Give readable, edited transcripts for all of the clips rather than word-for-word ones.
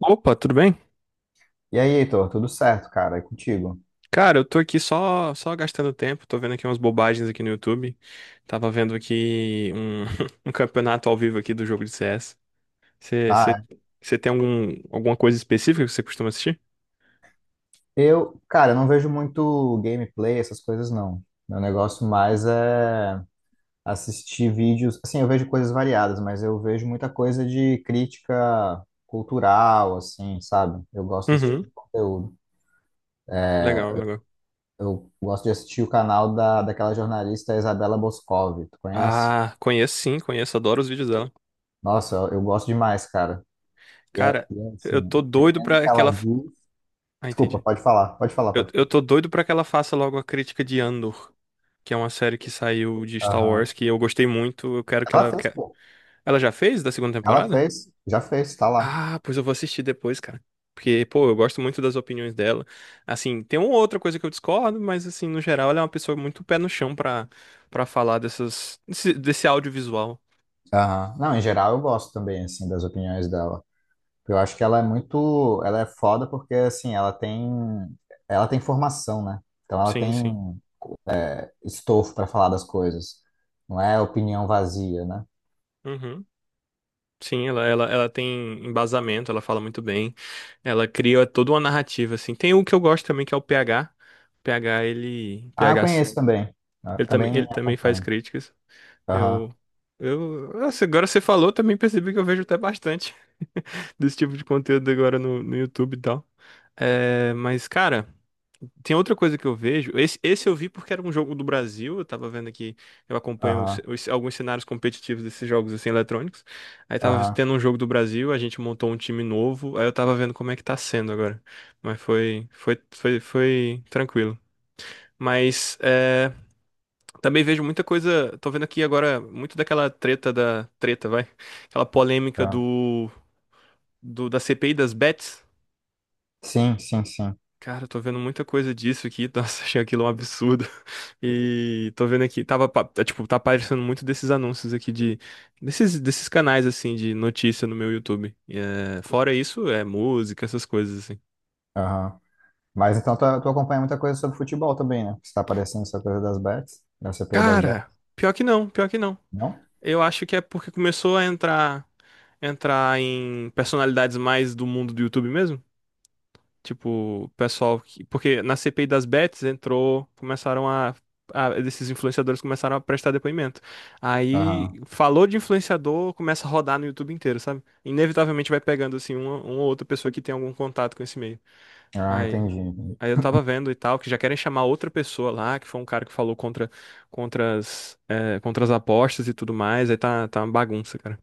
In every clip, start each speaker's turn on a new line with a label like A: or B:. A: Opa, tudo bem?
B: E aí, Heitor, tudo certo, cara? É contigo,
A: Cara, eu tô aqui só gastando tempo, tô vendo aqui umas bobagens aqui no YouTube. Tava vendo aqui um campeonato ao vivo aqui do jogo de CS. Você
B: tá?
A: você tem alguma coisa específica que você costuma assistir?
B: Eu, cara, eu não vejo muito gameplay, essas coisas não. Meu negócio mais é assistir vídeos. Assim, eu vejo coisas variadas, mas eu vejo muita coisa de crítica cultural, assim, sabe? Eu gosto desse tipo
A: Uhum.
B: de conteúdo.
A: Legal, legal.
B: Eu gosto de assistir o canal da, daquela jornalista Isabela Boscov, tu conhece?
A: Ah, conheço sim, conheço, adoro os vídeos dela.
B: Nossa, eu gosto demais, cara. E, é-
A: Cara,
B: e é
A: eu tô
B: assim,
A: doido
B: dependendo do
A: pra
B: que ela
A: aquela.
B: diz.
A: Ah,
B: Desculpa,
A: entendi.
B: pode falar, pode falar,
A: Eu,
B: pode
A: eu
B: falar.
A: tô doido pra que ela faça logo a crítica de Andor, que é uma série que saiu de Star Wars,
B: Aham.
A: que eu gostei muito. Eu quero que
B: Ela
A: ela.
B: fez, pô.
A: Ela já fez da segunda
B: Ela
A: temporada?
B: fez, já fez, tá lá.
A: Ah, pois eu vou assistir depois, cara. Porque, pô, eu gosto muito das opiniões dela. Assim, tem uma outra coisa que eu discordo, mas, assim, no geral, ela é uma pessoa muito pé no chão pra falar desse audiovisual.
B: Aham. Não, em geral eu gosto também, assim, das opiniões dela. Eu acho que ela é muito, ela é foda porque, assim, ela tem formação, né? Então ela
A: Sim,
B: tem
A: sim.
B: estofo para falar das coisas. Não é opinião vazia, né?
A: Uhum. Sim, ela tem embasamento, ela fala muito bem. Ela cria toda uma narrativa, assim. Tem um que eu gosto também, que é o PH. O PH, ele.
B: Ah, eu conheço também. Eu também
A: Ele também faz
B: acompanho.
A: críticas.
B: Aham,
A: Eu. Eu. Nossa, agora você falou, também percebi que eu vejo até bastante desse tipo de conteúdo agora no YouTube e tal. É, mas, cara. Tem outra coisa que eu vejo. Esse eu vi porque era um jogo do Brasil. Eu tava vendo aqui, eu acompanho
B: aham,
A: alguns cenários competitivos desses jogos assim eletrônicos. Aí tava
B: aham,
A: tendo um jogo do Brasil, a gente montou um time novo. Aí eu tava vendo como é que tá sendo agora. Mas foi tranquilo. Mas é, também vejo muita coisa. Tô vendo aqui agora muito daquela treta da treta, vai. Aquela polêmica
B: aham.
A: do, do da CPI das bets.
B: Sim, sim, sim.
A: Cara, eu tô vendo muita coisa disso aqui. Nossa, achei aquilo um absurdo. E tô vendo aqui, tipo, tá aparecendo muito desses anúncios aqui desses canais, assim, de notícia no meu YouTube. E, é, fora isso, é música, essas coisas, assim.
B: Aham. Mas então tu acompanha muita coisa sobre futebol também, né? Porque você tá aparecendo essa coisa das bets, da CPI das
A: Cara,
B: bets,
A: pior que não.
B: não?
A: Eu acho que é porque começou a entrar em personalidades mais do mundo do YouTube mesmo. Tipo, o pessoal que... Porque na CPI das bets entrou, começaram esses influenciadores começaram a prestar depoimento. Aí,
B: Aham.
A: falou de influenciador, começa a rodar no YouTube inteiro, sabe? Inevitavelmente vai pegando, assim, uma ou outra pessoa que tem algum contato com esse meio.
B: Ah, entendi.
A: Aí,
B: Entendi.
A: aí eu tava vendo e tal, que já querem chamar outra pessoa lá, que foi um cara que falou contra as apostas e tudo mais. Aí tá uma bagunça, cara.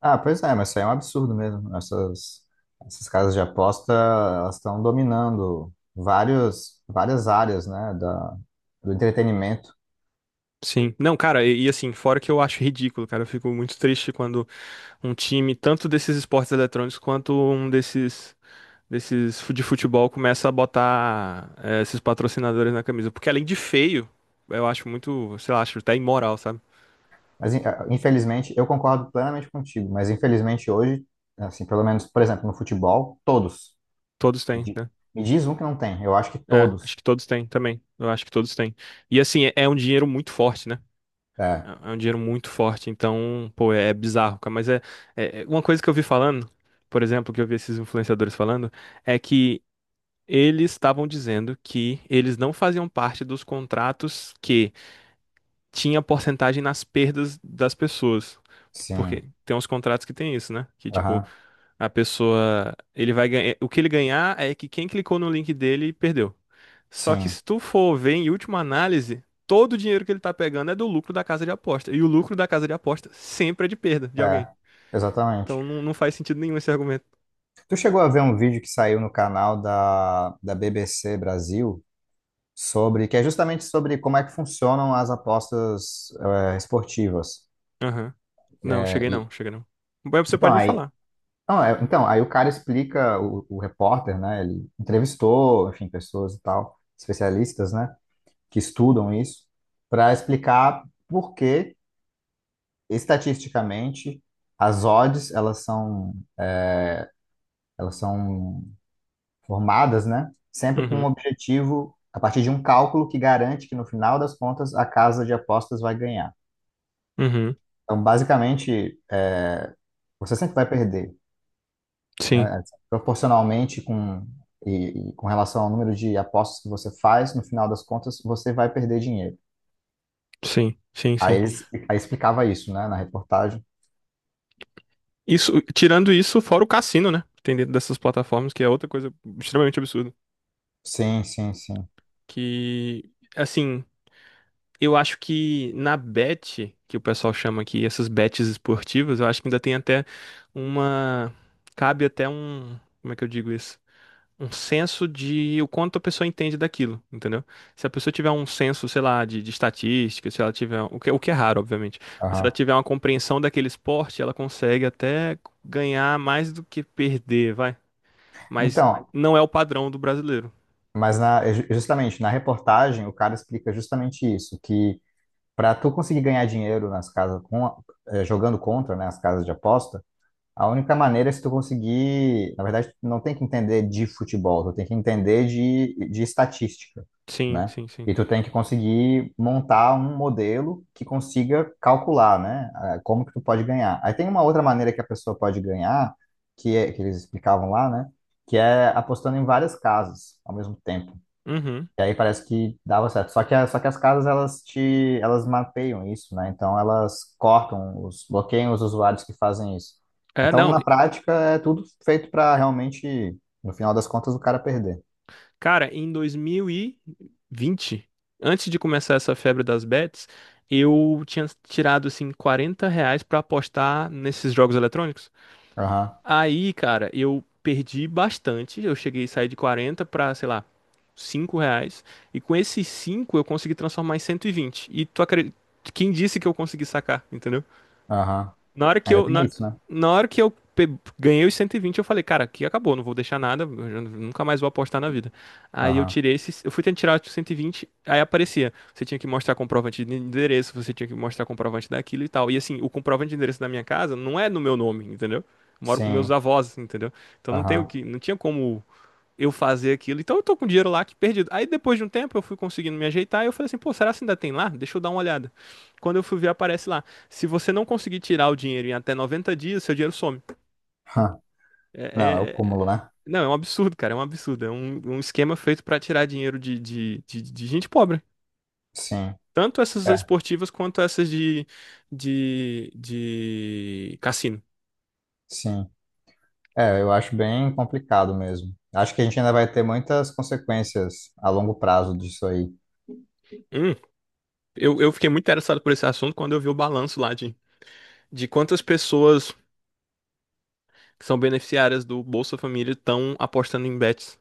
B: Ah, pois é, mas isso aí é um absurdo mesmo. Essas, essas casas de aposta, elas estão dominando vários, várias áreas, né, da, do entretenimento.
A: Sim. Não, cara, assim, fora que eu acho ridículo, cara, eu fico muito triste quando um time, tanto desses esportes eletrônicos quanto desses de futebol, começa a botar esses patrocinadores na camisa. Porque além de feio, eu acho muito, sei lá, acho até imoral, sabe?
B: Mas, infelizmente, eu concordo plenamente contigo, mas infelizmente hoje, assim, pelo menos, por exemplo, no futebol, todos.
A: Todos
B: Me
A: têm,
B: di-
A: né?
B: Me diz um que não tem. Eu acho que
A: É, acho
B: todos.
A: que todos têm também. Eu acho que todos têm. E assim, é um dinheiro muito forte, né?
B: É,
A: É um dinheiro muito forte, então, pô, é bizarro, cara. Mas é, é uma coisa que eu vi falando, por exemplo, que eu vi esses influenciadores falando, é que eles estavam dizendo que eles não faziam parte dos contratos que tinha porcentagem nas perdas das pessoas. Porque
B: sim.
A: tem uns contratos que tem isso, né? Que tipo,
B: Aham,
A: a pessoa, ele vai ganhar, o que ele ganhar é que quem clicou no link dele perdeu. Só que
B: sim.
A: se tu for ver em última análise, todo o dinheiro que ele tá pegando é do lucro da casa de aposta. E o lucro da casa de aposta sempre é de perda de alguém.
B: É, exatamente.
A: Então não faz sentido nenhum esse argumento.
B: Tu chegou a ver um vídeo que saiu no canal da, da BBC Brasil? Sobre que é justamente sobre como é que funcionam as apostas esportivas.
A: Aham. Não,
B: É, e-
A: cheguei não. Mas você
B: então
A: pode me
B: aí,
A: falar.
B: não, é- Então aí o cara explica, o repórter, né? Ele entrevistou, enfim, pessoas e tal, especialistas, né, que estudam isso, para explicar por que estatisticamente as odds elas são formadas, né? Sempre com um
A: Uhum.
B: objetivo a partir de um cálculo que garante que no final das contas a casa de apostas vai ganhar.
A: Uhum.
B: Então, basicamente, é, você sempre vai perder,
A: Sim,
B: né? Proporcionalmente com, e com relação ao número de apostas que você faz, no final das contas, você vai perder dinheiro. Aí
A: sim.
B: eles, aí explicava isso, né, na reportagem.
A: Isso, tirando isso, fora o cassino, né? Que tem dentro dessas plataformas, que é outra coisa extremamente absurda.
B: Sim, sim, sim.
A: Que, assim, eu acho que na bet, que o pessoal chama aqui, essas bets esportivas, eu acho que ainda tem até uma. Cabe até um. Como é que eu digo isso? Um senso de o quanto a pessoa entende daquilo, entendeu? Se a pessoa tiver um senso, sei lá, de estatística, se ela tiver. O que é raro, obviamente. Mas se ela
B: Aham.
A: tiver uma compreensão daquele esporte, ela consegue até ganhar mais do que perder, vai. Mas
B: Então,
A: não é o padrão do brasileiro.
B: justamente na reportagem, o cara explica justamente isso, que para tu conseguir ganhar dinheiro nas casas jogando contra, né, as casas de aposta, a única maneira é se tu conseguir, na verdade, tu não tem que entender de futebol, tu tem que entender de estatística,
A: Sim,
B: né?
A: sim, sim.
B: E tu tem que conseguir montar um modelo que consiga calcular, né? Como que tu pode ganhar. Aí tem uma outra maneira que a pessoa pode ganhar, que é, que eles explicavam lá, né? Que é apostando em várias casas ao mesmo tempo.
A: Uhum.
B: E aí parece que dava certo. Só que as casas, elas mapeiam isso, né? Então elas cortam, os, bloqueiam os usuários que fazem isso.
A: É,
B: Então,
A: não.
B: na prática, é tudo feito para realmente, no final das contas, o cara perder.
A: Cara, em 2020, antes de começar essa febre das bets, eu tinha tirado assim R$ 40 pra apostar nesses jogos eletrônicos.
B: Aham,
A: Aí, cara, eu perdi bastante. Eu cheguei a sair de 40 pra, sei lá, R$ 5. E com esses 5 eu consegui transformar em 120. E tu acredita? Quem disse que eu consegui sacar, entendeu?
B: aham.
A: Na hora que
B: Ainda
A: eu,
B: tem
A: na,
B: isso, né?
A: na hora que ganhei os 120, eu falei, cara, aqui acabou, não vou deixar nada, eu já nunca mais vou apostar na vida. Aí eu
B: Aham.
A: tirei esses, eu fui tentar tirar os 120, aí aparecia, você tinha que mostrar comprovante de endereço, você tinha que mostrar comprovante daquilo e tal. E assim, o comprovante de endereço da minha casa não é no meu nome, entendeu? Eu moro com meus
B: Sim,
A: avós, entendeu? Então não tenho
B: aham.
A: que, não tinha como eu fazer aquilo. Então eu tô com dinheiro lá que perdido. Aí depois de um tempo eu fui conseguindo me ajeitar e eu falei assim, pô, será que ainda tem lá? Deixa eu dar uma olhada. Quando eu fui ver, aparece lá. Se você não conseguir tirar o dinheiro em até 90 dias, seu dinheiro some. É,
B: Não, é o
A: é-
B: cúmulo,
A: é,
B: né?
A: Não, é um absurdo, cara, é um absurdo. É um esquema feito pra tirar dinheiro de gente pobre.
B: Sim,
A: Tanto essas
B: é,
A: esportivas quanto essas de cassino.
B: sim. É, eu acho bem complicado mesmo. Acho que a gente ainda vai ter muitas consequências a longo prazo disso aí.
A: Hum, eu fiquei muito interessado por esse assunto quando eu vi o balanço lá de quantas pessoas que são beneficiárias do Bolsa Família estão apostando em bets.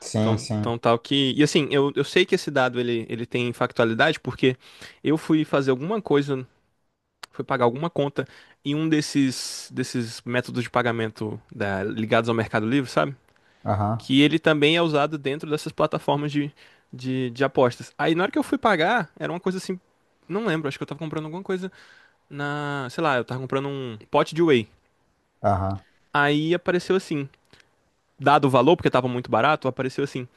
B: Sim,
A: Então,
B: sim.
A: então tal que. E assim, eu sei que esse dado ele tem factualidade, porque eu fui fazer alguma coisa, fui pagar alguma conta em um desses métodos de pagamento ligados ao Mercado Livre, sabe?
B: Aham,
A: Que ele também é usado dentro dessas plataformas de apostas. Aí na hora que eu fui pagar, era uma coisa assim. Não lembro, acho que eu tava comprando alguma coisa na. Sei lá, eu tava comprando um pote de whey.
B: aham,
A: Aí apareceu assim. Dado o valor porque estava muito barato, apareceu assim: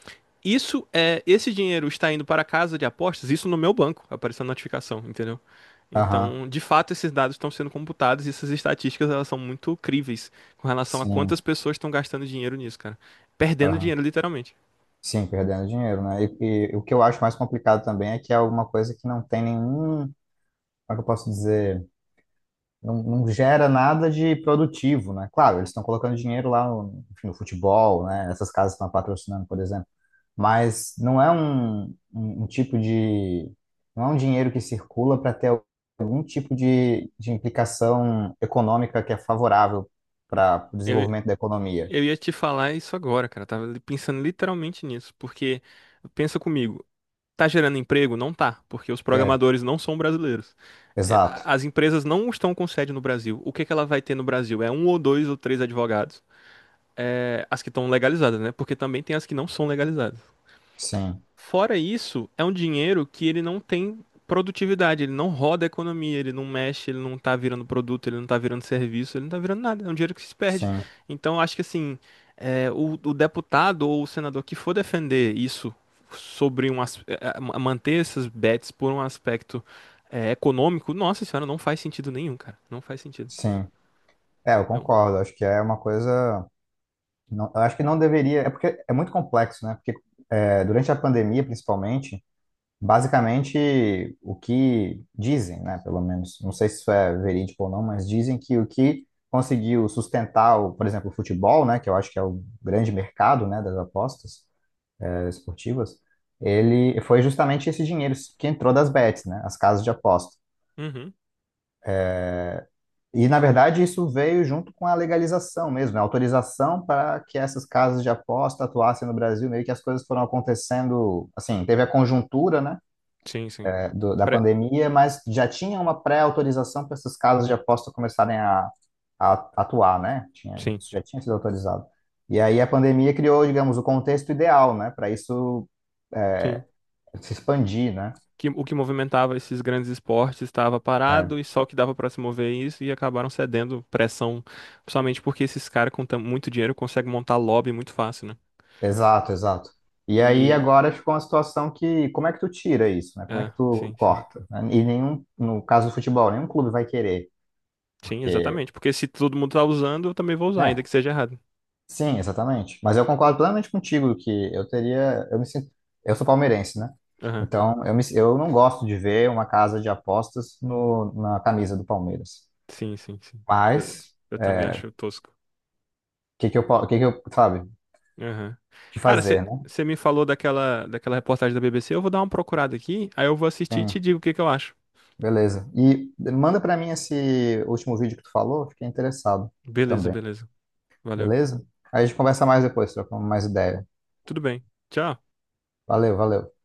A: isso é esse dinheiro está indo para a casa de apostas, isso no meu banco, apareceu a notificação, entendeu?
B: aham.
A: Então, de fato, esses dados estão sendo computados e essas estatísticas elas são muito críveis com relação a quantas
B: Sim,
A: pessoas estão gastando dinheiro nisso, cara. Perdendo
B: aham.
A: dinheiro, literalmente.
B: Sim, perdendo dinheiro, né? E o que eu acho mais complicado também é que é alguma coisa que não tem nenhum, como é que eu posso dizer, não, não gera nada de produtivo, né? Claro, eles estão colocando dinheiro lá no, enfim, no futebol, né? Essas casas estão patrocinando, por exemplo, mas não é um, um, um tipo de, não é um dinheiro que circula para ter algum tipo de implicação econômica que é favorável para o
A: Eu,
B: desenvolvimento da economia.
A: eu ia te falar isso agora, cara. Eu tava pensando literalmente nisso, porque pensa comigo, tá gerando emprego? Não tá, porque os
B: É,
A: programadores não são brasileiros. É,
B: exato.
A: as empresas não estão com sede no Brasil. O que que ela vai ter no Brasil? É um ou dois ou três advogados. É, as que estão legalizadas, né? Porque também tem as que não são legalizadas.
B: Sim,
A: Fora isso, é um dinheiro que ele não tem produtividade, ele não roda a economia, ele não mexe, ele não tá virando produto, ele não tá virando serviço, ele não tá virando nada. É um dinheiro que se perde.
B: sim.
A: Então, eu acho que assim, o deputado ou o senador que for defender isso sobre manter essas bets por um aspecto econômico, nossa senhora, não faz sentido nenhum, cara. Não faz sentido.
B: Sim, é, eu
A: Eu...
B: concordo. Acho que é uma coisa. Eu acho que não deveria. É porque é muito complexo, né? Porque é, durante a pandemia, principalmente, basicamente o que dizem, né? Pelo menos, não sei se isso é verídico ou não, mas dizem que o que conseguiu sustentar, o, por exemplo, o futebol, né? Que eu acho que é o grande mercado, né? Das apostas é, esportivas, ele foi justamente esse dinheiro que entrou das bets, né? As casas de aposta.
A: Uhum.
B: E, na verdade, isso veio junto com a legalização mesmo, né? Autorização para que essas casas de aposta atuassem no Brasil, meio que as coisas foram acontecendo, assim, teve a conjuntura, né,
A: Sim, sim.
B: é, da
A: Pre-
B: pandemia, mas já tinha uma pré-autorização para essas casas de aposta começarem a atuar, né? Tinha,
A: Sim,
B: isso já tinha sido autorizado. E aí a pandemia criou, digamos, o contexto ideal, né, para isso
A: sim.
B: se expandir, né?
A: Que o que movimentava esses grandes esportes estava parado
B: É,
A: e só o que dava para se mover é isso e acabaram cedendo pressão, principalmente porque esses caras com muito dinheiro conseguem montar lobby muito fácil, né?
B: exato, exato. E aí
A: E
B: agora ficou uma situação que como é que tu tira isso, né? Como é que tu
A: sim.
B: corta, né? E nenhum, no caso do futebol, nenhum clube vai querer,
A: Sim,
B: porque,
A: exatamente, porque se todo mundo tá usando, eu também vou usar, ainda
B: né?
A: que seja errado.
B: Sim, exatamente. Mas eu concordo plenamente contigo que eu teria, eu me sinto, eu sou palmeirense, né?
A: Aham.
B: Então eu me, eu não gosto de ver uma casa de apostas no, na camisa do Palmeiras.
A: Sim. Eu,
B: Mas
A: eu também acho tosco.
B: o que que eu, sabe, o
A: Aham.
B: que
A: Cara, você
B: fazer, né?
A: me falou daquela reportagem da BBC, eu vou dar uma procurada aqui, aí eu vou assistir e te
B: Sim,
A: digo o que que eu acho.
B: beleza. E manda pra mim esse último vídeo que tu falou, fiquei interessado
A: Beleza,
B: também.
A: beleza. Valeu.
B: Beleza? Aí a gente conversa mais depois, trocamos mais ideia.
A: Tudo bem. Tchau.
B: Valeu, valeu.